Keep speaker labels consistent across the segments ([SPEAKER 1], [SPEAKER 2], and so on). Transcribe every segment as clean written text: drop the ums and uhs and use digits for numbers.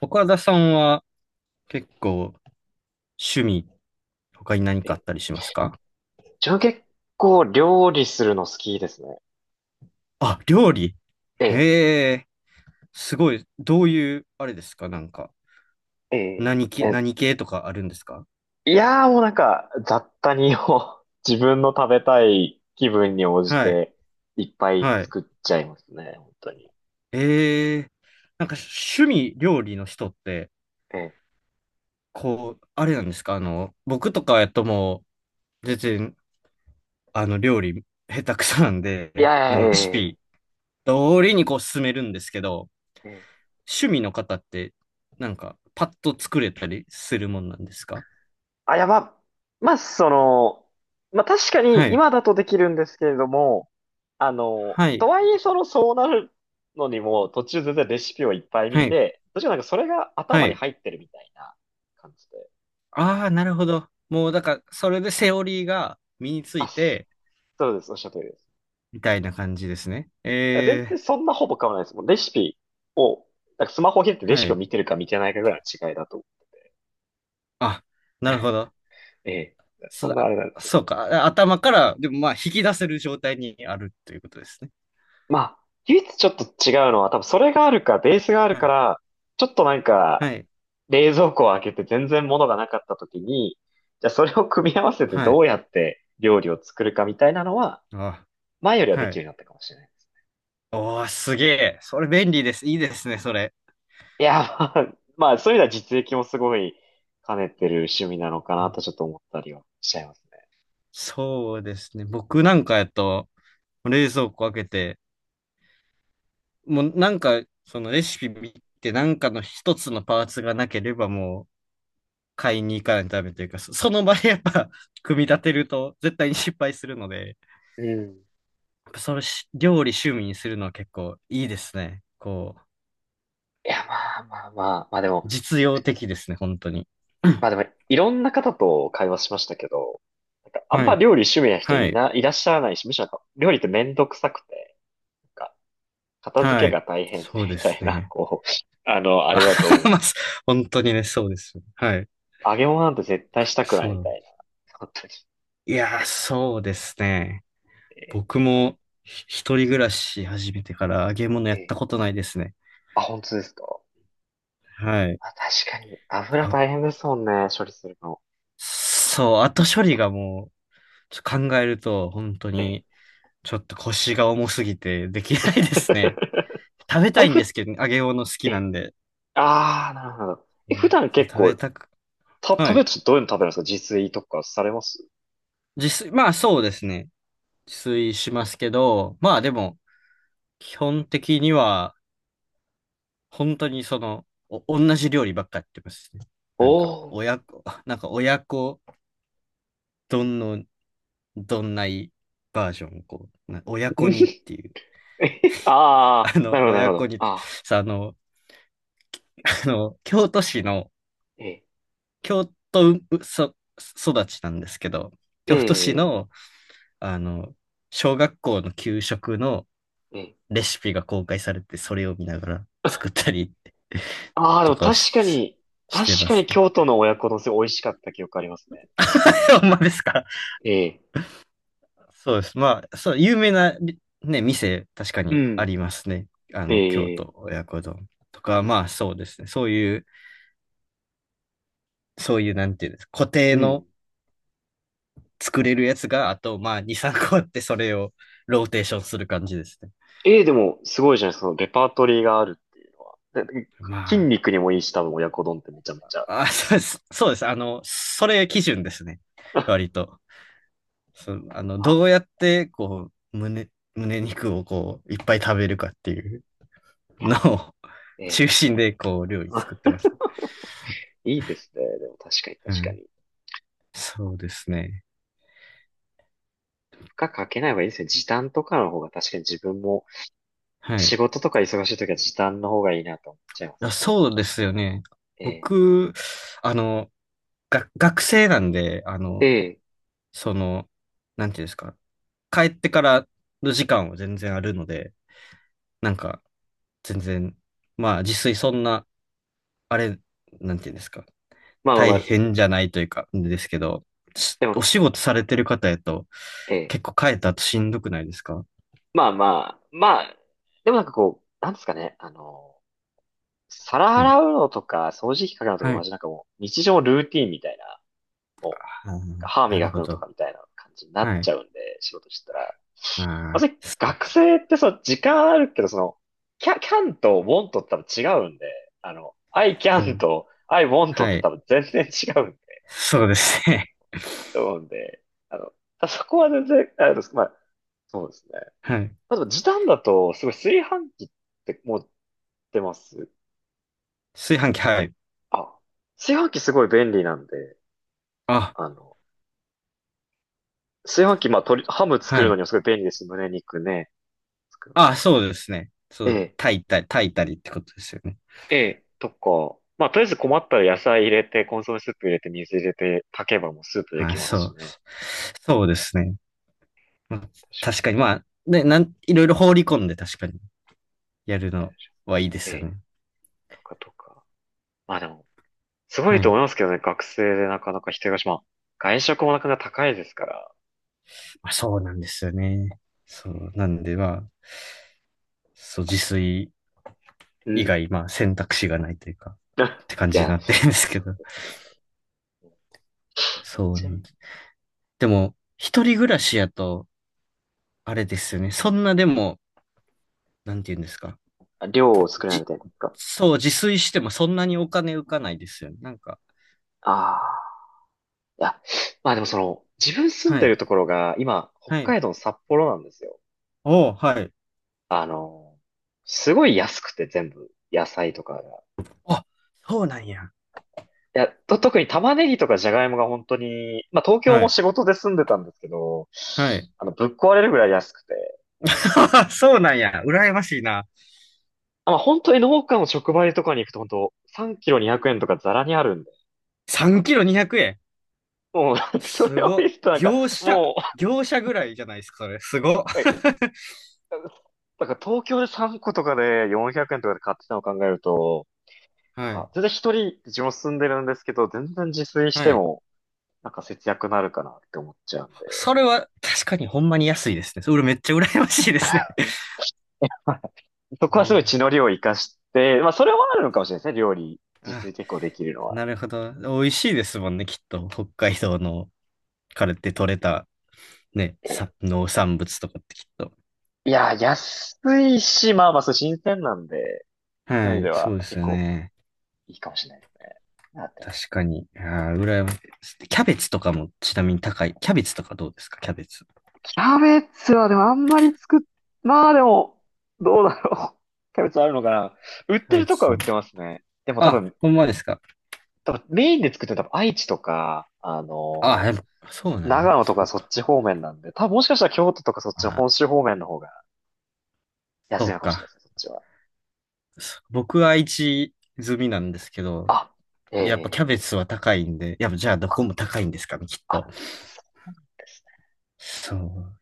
[SPEAKER 1] 岡田さんは結構趣味、他に何
[SPEAKER 2] え
[SPEAKER 1] かあっ
[SPEAKER 2] え、
[SPEAKER 1] たりしますか？
[SPEAKER 2] 自分料理するの好きですね。
[SPEAKER 1] あ、料理。
[SPEAKER 2] ええ、
[SPEAKER 1] へえ、すごい。どういう、あれですかなんか、
[SPEAKER 2] ええ、
[SPEAKER 1] 何系、
[SPEAKER 2] え
[SPEAKER 1] 何系とかあるんですか？
[SPEAKER 2] いやー、もうなんか雑多にを 自分の食べたい気分に応じ
[SPEAKER 1] はい、
[SPEAKER 2] ていっぱい
[SPEAKER 1] はい。
[SPEAKER 2] 作っちゃいますね、本当に。
[SPEAKER 1] ええ、なんか趣味、料理の人って、
[SPEAKER 2] ええ、
[SPEAKER 1] こう、あれなんですか僕とかやともう、全然、料理、下手くそなん
[SPEAKER 2] い
[SPEAKER 1] で、
[SPEAKER 2] やい
[SPEAKER 1] もうレシ
[SPEAKER 2] や、え
[SPEAKER 1] ピ、通りにこう進めるんですけど、
[SPEAKER 2] え、ええ、
[SPEAKER 1] 趣味の方って、なんか、パッと作れたりするもんなんですか？
[SPEAKER 2] あ、やば、まあその、まあ確か
[SPEAKER 1] は
[SPEAKER 2] に
[SPEAKER 1] い。
[SPEAKER 2] 今だとできるんですけれども、
[SPEAKER 1] はい。
[SPEAKER 2] とはいえそうなるのにも途中全然レシピをいっぱい見
[SPEAKER 1] はい。
[SPEAKER 2] て、途中なんかそれが
[SPEAKER 1] は
[SPEAKER 2] 頭に
[SPEAKER 1] い。
[SPEAKER 2] 入ってるみたいな感じで。
[SPEAKER 1] ああ、なるほど。もう、だから、それでセオリーが身につ
[SPEAKER 2] あ、
[SPEAKER 1] いて、
[SPEAKER 2] そうです。おっしゃる通りです。
[SPEAKER 1] みたいな感じですね。
[SPEAKER 2] 全然
[SPEAKER 1] ええ、
[SPEAKER 2] そんなほぼ変わらないです。もうレシピを、なんかスマホを開いてレシ
[SPEAKER 1] は
[SPEAKER 2] ピを
[SPEAKER 1] い。
[SPEAKER 2] 見てるか見てないかぐらいの違いだと。
[SPEAKER 1] あ、なるほど。
[SPEAKER 2] ええ。そん
[SPEAKER 1] そ、
[SPEAKER 2] なあ
[SPEAKER 1] あ
[SPEAKER 2] れなんですけ
[SPEAKER 1] そう
[SPEAKER 2] ど。
[SPEAKER 1] か。あ、頭から、でもまあ、引き出せる状態にあるということですね。
[SPEAKER 2] まあ、唯一ちょっと違うのは、多分それがあるか、ベースがある
[SPEAKER 1] は
[SPEAKER 2] か
[SPEAKER 1] い。
[SPEAKER 2] ら、ちょっとなん
[SPEAKER 1] は
[SPEAKER 2] か、
[SPEAKER 1] い。
[SPEAKER 2] 冷蔵庫を開けて全然物がなかった時に、じゃあそれを組み合わせて
[SPEAKER 1] は
[SPEAKER 2] ど
[SPEAKER 1] い。
[SPEAKER 2] うやって料理を作るかみたいなのは、
[SPEAKER 1] あ、
[SPEAKER 2] 前よりはで
[SPEAKER 1] は
[SPEAKER 2] き
[SPEAKER 1] い。
[SPEAKER 2] るようになったかもしれない。
[SPEAKER 1] おー、すげえ。それ便利です。いいですね、それ。
[SPEAKER 2] いや、まあ、まあそういう意味では実益もすごい兼ねてる趣味なのかなと、ちょっと思ったりはしちゃいますね。
[SPEAKER 1] そうですね。僕なんかやと、冷蔵庫開けて、もうなんか、そのレシピ見て、なんかの一つのパーツがなければもう買いに行かないとダメというか、その場でやっぱ 組み立てると絶対に失敗するので、
[SPEAKER 2] うん。
[SPEAKER 1] やっぱそれ料理趣味にするのは結構いいですね。こう、
[SPEAKER 2] いや、まあまあまあ、
[SPEAKER 1] 実用的ですね、本当に。うん。
[SPEAKER 2] まあでも、いろんな方と会話しましたけど、なんかあん
[SPEAKER 1] は
[SPEAKER 2] ま
[SPEAKER 1] い、
[SPEAKER 2] 料理趣味な人
[SPEAKER 1] は
[SPEAKER 2] い
[SPEAKER 1] い、
[SPEAKER 2] な、いらっしゃらないし、むしろなんか料理ってめんどくさくて、なんか片付
[SPEAKER 1] は
[SPEAKER 2] け
[SPEAKER 1] い。
[SPEAKER 2] が大変で
[SPEAKER 1] そう
[SPEAKER 2] み
[SPEAKER 1] で
[SPEAKER 2] たい
[SPEAKER 1] す
[SPEAKER 2] な、
[SPEAKER 1] ね。
[SPEAKER 2] こう、あの、あ
[SPEAKER 1] あ、
[SPEAKER 2] れだと 思
[SPEAKER 1] ま
[SPEAKER 2] う。
[SPEAKER 1] あ、本当にね、そうですよ。はい。
[SPEAKER 2] 揚げ物なんて絶対したくな
[SPEAKER 1] そ
[SPEAKER 2] いみた
[SPEAKER 1] う。
[SPEAKER 2] いな。本当に。
[SPEAKER 1] いやー、そうですね。
[SPEAKER 2] えーっ
[SPEAKER 1] 僕
[SPEAKER 2] と、
[SPEAKER 1] も一人暮らし始めてから揚げ物や
[SPEAKER 2] え
[SPEAKER 1] った
[SPEAKER 2] ー
[SPEAKER 1] ことないですね。
[SPEAKER 2] あ、本当ですか。
[SPEAKER 1] はい。
[SPEAKER 2] あ、確かに。油大
[SPEAKER 1] あ、
[SPEAKER 2] 変ですもんね、処理するの。
[SPEAKER 1] そう、後処理がもう、考えると本当
[SPEAKER 2] ええ。
[SPEAKER 1] にちょっと腰が重すぎてできないですね。食べ
[SPEAKER 2] あ
[SPEAKER 1] た
[SPEAKER 2] れ、
[SPEAKER 1] いん
[SPEAKER 2] ふ、
[SPEAKER 1] ですけど、揚げ物好き
[SPEAKER 2] え
[SPEAKER 1] な
[SPEAKER 2] え。
[SPEAKER 1] んで。
[SPEAKER 2] ああ、なるほど。
[SPEAKER 1] う
[SPEAKER 2] え、普
[SPEAKER 1] ん、
[SPEAKER 2] 段
[SPEAKER 1] そう、
[SPEAKER 2] 結
[SPEAKER 1] 食
[SPEAKER 2] 構、
[SPEAKER 1] べたく、
[SPEAKER 2] 食
[SPEAKER 1] は
[SPEAKER 2] べ
[SPEAKER 1] い。
[SPEAKER 2] るとどういうの食べるんですか、自炊とかされます？
[SPEAKER 1] 自炊、まあそうですね。自炊しますけど、まあでも、基本的には、本当にその、同じ料理ばっかやってますね。
[SPEAKER 2] お
[SPEAKER 1] なんか、
[SPEAKER 2] お
[SPEAKER 1] 親子丼のどんないバージョンをこう、親子にっ
[SPEAKER 2] ー。
[SPEAKER 1] ていう、
[SPEAKER 2] あ
[SPEAKER 1] あ
[SPEAKER 2] あ、な
[SPEAKER 1] の、
[SPEAKER 2] るほど、な
[SPEAKER 1] 親
[SPEAKER 2] るほ
[SPEAKER 1] 子
[SPEAKER 2] ど。
[SPEAKER 1] に、
[SPEAKER 2] ああ、
[SPEAKER 1] さ、あの、京都市の、
[SPEAKER 2] ええ、
[SPEAKER 1] 京都うそ育ちなんですけど、
[SPEAKER 2] え
[SPEAKER 1] 京都市
[SPEAKER 2] え、
[SPEAKER 1] の、あの、小学校の給食の
[SPEAKER 2] ええ。
[SPEAKER 1] レシピが公開されて、それを見ながら作ったり
[SPEAKER 2] あ、 あ、で
[SPEAKER 1] と
[SPEAKER 2] も
[SPEAKER 1] かを
[SPEAKER 2] 確かに、
[SPEAKER 1] し
[SPEAKER 2] 確
[SPEAKER 1] てま
[SPEAKER 2] か
[SPEAKER 1] す
[SPEAKER 2] に
[SPEAKER 1] ね。
[SPEAKER 2] 京都の親子丼すごい美味しかった記憶ありますね。
[SPEAKER 1] ほんまですか？
[SPEAKER 2] ええ、
[SPEAKER 1] そうです。まあ、そう、有名な、ね、店、確か
[SPEAKER 2] う
[SPEAKER 1] にあ
[SPEAKER 2] ん、
[SPEAKER 1] りますね。京
[SPEAKER 2] ええ、
[SPEAKER 1] 都親子丼と
[SPEAKER 2] い
[SPEAKER 1] か、
[SPEAKER 2] いで
[SPEAKER 1] ま
[SPEAKER 2] す。
[SPEAKER 1] あそうですね。そういう、なんていうんですか、固
[SPEAKER 2] う
[SPEAKER 1] 定
[SPEAKER 2] ん。
[SPEAKER 1] の作れるやつが、あと、まあ、2、3個あって、それをローテーションする感じですね。
[SPEAKER 2] ええ、でも、すごいじゃないですか。そのレパートリーがあるっていうのは。で筋
[SPEAKER 1] ま
[SPEAKER 2] 肉にもいいし、多分親子丼ってめちゃめちゃ。
[SPEAKER 1] あ、あ、そうです。そうです。あの、それ基準ですね。割 と。そのあの、
[SPEAKER 2] あ、
[SPEAKER 1] どうやって、こう、胸肉をこう、いっぱい食べるかっていうのを
[SPEAKER 2] え え。
[SPEAKER 1] 中心で、こう、料 理作って
[SPEAKER 2] あ、
[SPEAKER 1] ます。
[SPEAKER 2] いいですね。でも確かに、
[SPEAKER 1] う
[SPEAKER 2] 確か
[SPEAKER 1] ん。
[SPEAKER 2] に。
[SPEAKER 1] そうですね。
[SPEAKER 2] 負荷かけない方がいいですね。時短とかの方が確かに自分も、
[SPEAKER 1] はい。
[SPEAKER 2] 仕事とか忙しい時は時短の方がいいなと思っちゃいます
[SPEAKER 1] あ、
[SPEAKER 2] ね。
[SPEAKER 1] そうですよね。
[SPEAKER 2] え
[SPEAKER 1] 僕、あの、学生なんで、
[SPEAKER 2] えええ
[SPEAKER 1] その、なんていうんですか、帰ってからの時間は全然あるので、なんか、全然、まあ、自炊そんな、あれ、なんていうんですか、
[SPEAKER 2] まあまあま
[SPEAKER 1] 大
[SPEAKER 2] あ、
[SPEAKER 1] 変じゃないというか、ですけど、
[SPEAKER 2] で
[SPEAKER 1] お
[SPEAKER 2] も、
[SPEAKER 1] 仕事されてる方やと、
[SPEAKER 2] ええ
[SPEAKER 1] 結構帰った後しんどくないですか？
[SPEAKER 2] まあまあ、まあ、でもなんかこう、なんですかね。あの、皿
[SPEAKER 1] はい。
[SPEAKER 2] 洗うのとか、掃除機かけるのと
[SPEAKER 1] は
[SPEAKER 2] か同
[SPEAKER 1] い。
[SPEAKER 2] じ、なんかもう、日常のルーティンみたいな、も
[SPEAKER 1] あ
[SPEAKER 2] う、なん
[SPEAKER 1] ー、
[SPEAKER 2] か歯
[SPEAKER 1] なる
[SPEAKER 2] 磨く
[SPEAKER 1] ほ
[SPEAKER 2] のと
[SPEAKER 1] ど。
[SPEAKER 2] かみたいな感じになっ
[SPEAKER 1] は
[SPEAKER 2] ち
[SPEAKER 1] い。
[SPEAKER 2] ゃうんで、仕事してたら。
[SPEAKER 1] あ
[SPEAKER 2] ま
[SPEAKER 1] あ、
[SPEAKER 2] ず
[SPEAKER 1] そう
[SPEAKER 2] 学
[SPEAKER 1] か。
[SPEAKER 2] 生ってさ、時間あるけど、その、キャンと want って多分違うんで、あの、I
[SPEAKER 1] そ
[SPEAKER 2] can
[SPEAKER 1] う。
[SPEAKER 2] と I want っ
[SPEAKER 1] は
[SPEAKER 2] て多
[SPEAKER 1] い。
[SPEAKER 2] 分全然違うんで、
[SPEAKER 1] そうですね。
[SPEAKER 2] と思うんで、あの、あそこは全然、あれです。まあ、そうですね。
[SPEAKER 1] はい。
[SPEAKER 2] あと、時短だと、すごい、炊飯器って持ってます？
[SPEAKER 1] 炊飯器、はい。
[SPEAKER 2] あ、炊飯器すごい便利なんで、
[SPEAKER 1] あ、
[SPEAKER 2] あの、炊飯器、まあ、鶏、ハム作
[SPEAKER 1] は
[SPEAKER 2] るの
[SPEAKER 1] い。
[SPEAKER 2] にもすごい便利ですし。胸肉ね、作るのと
[SPEAKER 1] あ、
[SPEAKER 2] か。
[SPEAKER 1] そうですね。そ
[SPEAKER 2] え
[SPEAKER 1] う、
[SPEAKER 2] え。
[SPEAKER 1] 炊いたり、炊いたりってことですよね。
[SPEAKER 2] ええ、とか、まあ、とりあえず困ったら野菜入れて、コンソメスープ入れて、水入れて、炊けばもうスープで
[SPEAKER 1] あ、
[SPEAKER 2] きます
[SPEAKER 1] そ
[SPEAKER 2] し
[SPEAKER 1] う。
[SPEAKER 2] ね。
[SPEAKER 1] そうですね。まあ、
[SPEAKER 2] 確
[SPEAKER 1] 確かに、まあ、ね、いろいろ放り込んで確かにやる
[SPEAKER 2] かに。
[SPEAKER 1] のはいいで
[SPEAKER 2] え
[SPEAKER 1] すよ
[SPEAKER 2] え、
[SPEAKER 1] ね。
[SPEAKER 2] とかとか。まあでも、すご
[SPEAKER 1] は
[SPEAKER 2] いと思
[SPEAKER 1] い。
[SPEAKER 2] いますけどね、学生でなかなか一人暮らし、まあ、外食もなかなか高いですから。
[SPEAKER 1] まあ、そうなんですよね。そう。なんで、まあ、そう、自炊
[SPEAKER 2] う
[SPEAKER 1] 以
[SPEAKER 2] ん。
[SPEAKER 1] 外、まあ、選択肢がないというか、
[SPEAKER 2] あ、
[SPEAKER 1] って感
[SPEAKER 2] い
[SPEAKER 1] じに
[SPEAKER 2] や、
[SPEAKER 1] なってるんですけ
[SPEAKER 2] そ
[SPEAKER 1] ど。
[SPEAKER 2] う。
[SPEAKER 1] そうな
[SPEAKER 2] じゃ
[SPEAKER 1] んです。でも、一人暮らしやと、あれですよね。そんなでも、なんて言うんですか。
[SPEAKER 2] あ量を作れないみ
[SPEAKER 1] じ、
[SPEAKER 2] たいなことか。
[SPEAKER 1] そう、自炊してもそんなにお金浮かないですよね。なんか、
[SPEAKER 2] ああ。いや、まあでもその、自分住ん
[SPEAKER 1] は
[SPEAKER 2] で
[SPEAKER 1] い。
[SPEAKER 2] るところが、今、北
[SPEAKER 1] はい。
[SPEAKER 2] 海道の札幌なんですよ。
[SPEAKER 1] おー、はい。
[SPEAKER 2] あの、すごい安くて全部、野菜とかが。
[SPEAKER 1] あ、そうなんや。
[SPEAKER 2] 特に玉ねぎとかじゃがいもが本当に、まあ東京
[SPEAKER 1] は
[SPEAKER 2] も
[SPEAKER 1] い。
[SPEAKER 2] 仕事で住んでたんですけど、
[SPEAKER 1] はい。
[SPEAKER 2] あの、ぶっ壊れるぐらい安くて、あの、
[SPEAKER 1] そうなんや。羨ましいな。
[SPEAKER 2] まあ本当に農家の直売とかに行くと、本当3キロ200円とかザラにあるんで、
[SPEAKER 1] 3キロ200円。
[SPEAKER 2] もう、そ
[SPEAKER 1] す
[SPEAKER 2] れを見
[SPEAKER 1] ご
[SPEAKER 2] るとな
[SPEAKER 1] い。
[SPEAKER 2] んか、
[SPEAKER 1] 業者、
[SPEAKER 2] も
[SPEAKER 1] 業者ぐらいじゃないですか、それ。すごい。
[SPEAKER 2] う、えなんか東京で3個とかで400円とかで買ってたのを考えると、なん
[SPEAKER 1] はい。
[SPEAKER 2] か全然、一人自分住んでるんですけど、全然自炊し
[SPEAKER 1] は
[SPEAKER 2] て
[SPEAKER 1] い。
[SPEAKER 2] も、なんか節約になるかなって思っちゃうんで。
[SPEAKER 1] それは確かにほんまに安いですね。それめっちゃ羨ましいですね。
[SPEAKER 2] そ こはすごい
[SPEAKER 1] え
[SPEAKER 2] 血の量を生かして、まあ、それはあるのかもしれないですね、料理。自炊
[SPEAKER 1] あ、
[SPEAKER 2] 結構できるのは。
[SPEAKER 1] なるほど。美味しいですもんね、きっと。北海道のからって取れたね、
[SPEAKER 2] え
[SPEAKER 1] 農産物とかってきっと。
[SPEAKER 2] いや、安いし、まあまあ、そう、新鮮なんで、そうい
[SPEAKER 1] は
[SPEAKER 2] う意味
[SPEAKER 1] い、
[SPEAKER 2] で
[SPEAKER 1] そ
[SPEAKER 2] は
[SPEAKER 1] うです
[SPEAKER 2] 結
[SPEAKER 1] よ
[SPEAKER 2] 構
[SPEAKER 1] ね。
[SPEAKER 2] いいかもしれないですね。だって、
[SPEAKER 1] 確かに。ああ、羨ましい。キャベツとかもちなみに高い。キャベツとかどうですか？キャベツ。
[SPEAKER 2] キャベツはでもあんまり作っ、まあでも、どうだろう。キャベツあるのかな、売っ
[SPEAKER 1] キャ
[SPEAKER 2] て
[SPEAKER 1] ベ
[SPEAKER 2] るとこは売
[SPEAKER 1] ツ。
[SPEAKER 2] ってますね。でも多
[SPEAKER 1] あ、
[SPEAKER 2] 分、
[SPEAKER 1] ほんまですか？
[SPEAKER 2] 多分メインで作ってるのは多分愛知とか、あ
[SPEAKER 1] あ、
[SPEAKER 2] の
[SPEAKER 1] で
[SPEAKER 2] ー、
[SPEAKER 1] も、そうなんや。
[SPEAKER 2] 長野と
[SPEAKER 1] そ
[SPEAKER 2] か
[SPEAKER 1] う
[SPEAKER 2] そっ
[SPEAKER 1] か。
[SPEAKER 2] ち方面なんで、多分もしかしたら京都とかそっちの
[SPEAKER 1] あ、
[SPEAKER 2] 本州方面の方が安
[SPEAKER 1] そ
[SPEAKER 2] い
[SPEAKER 1] う
[SPEAKER 2] のかもしれな
[SPEAKER 1] か。
[SPEAKER 2] いですね、そっちは。
[SPEAKER 1] 僕は愛知済みなんですけど、
[SPEAKER 2] あ、
[SPEAKER 1] やっぱキャベ
[SPEAKER 2] え
[SPEAKER 1] ツ
[SPEAKER 2] え
[SPEAKER 1] は高いんで、やっぱじゃあど
[SPEAKER 2] あ、
[SPEAKER 1] こも高いんですかね、きっと。
[SPEAKER 2] あ、そうです
[SPEAKER 1] そう。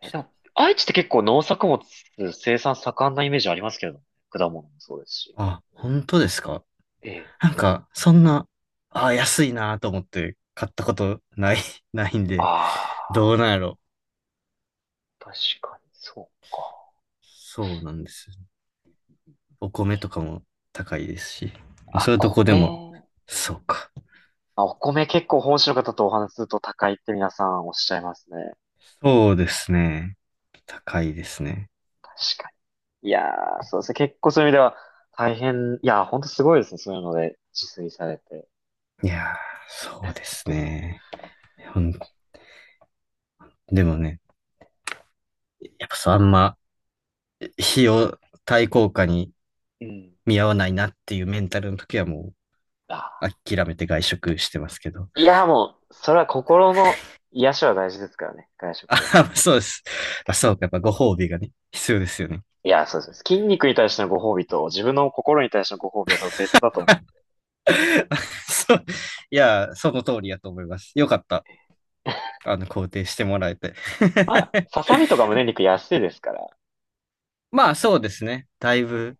[SPEAKER 1] ち
[SPEAKER 2] ね。え、
[SPEAKER 1] ょっ
[SPEAKER 2] で
[SPEAKER 1] と
[SPEAKER 2] も、愛知って結構農作物生産盛んなイメージありますけどね、果物もそうですし。
[SPEAKER 1] あ、本当ですか？
[SPEAKER 2] ええ
[SPEAKER 1] なんか、そんな、あ、安いなと思って買ったことない、ないん
[SPEAKER 2] あ
[SPEAKER 1] で、
[SPEAKER 2] あ、
[SPEAKER 1] どうなんやろ。
[SPEAKER 2] 確かに、そうか。
[SPEAKER 1] そうなんです。お米とかも高いですし、まあ、そ
[SPEAKER 2] あ、
[SPEAKER 1] ういうとこでも、
[SPEAKER 2] 米、え
[SPEAKER 1] そ
[SPEAKER 2] え
[SPEAKER 1] うか。
[SPEAKER 2] あ、お米結構本州の方とお話しすると高いって皆さんおっしゃいますね。
[SPEAKER 1] そうですね。高いですね。
[SPEAKER 2] 確かに。いやー、そうですね。結構そういう意味では大変、いやー、ほんとすごいですね。そういうので自炊されて。
[SPEAKER 1] いやー、そうです ね。ほんでもね、やっぱそう、あんま、費用対効果に
[SPEAKER 2] うん。
[SPEAKER 1] 見合わないなっていうメンタルの時はも
[SPEAKER 2] あ、
[SPEAKER 1] う、諦めて外食してますけど。
[SPEAKER 2] いや、もう、それは心の癒しは大事ですからね、外食で。
[SPEAKER 1] あ、そうです。まあ、そうか、やっぱご褒美がね、必要ですよね。
[SPEAKER 2] いや、そうです。筋肉に対してのご褒美と、自分の心に対してのご褒美は多分別だと思う。
[SPEAKER 1] あ、そう。いやー、その通りやと思います。よかった。肯定してもらえて。
[SPEAKER 2] ささみとか胸肉安いですから、
[SPEAKER 1] まあ、そうですね。だいぶ、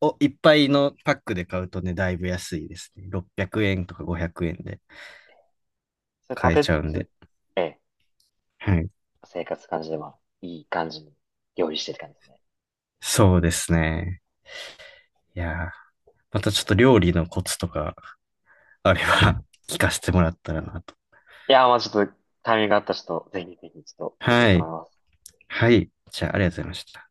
[SPEAKER 1] いっぱいのパックで買うとね、だいぶ安いですね。600円とか500円で
[SPEAKER 2] それ食
[SPEAKER 1] 買え
[SPEAKER 2] べ
[SPEAKER 1] ち
[SPEAKER 2] つ
[SPEAKER 1] ゃうんで。
[SPEAKER 2] つ、ええ、
[SPEAKER 1] はい。
[SPEAKER 2] 生活感じで、まあ、いい感じに料理してる感じですね。
[SPEAKER 1] そうですね。いやー、またちょっと料理のコツとかあれば 聞かせてもらったらなと。
[SPEAKER 2] いや、まあちょっと、タイミングがあったらちょっと、ぜひぜひ、ちょっと、できた
[SPEAKER 1] は
[SPEAKER 2] と思
[SPEAKER 1] い。
[SPEAKER 2] います。
[SPEAKER 1] はい。じゃあ、ありがとうございました。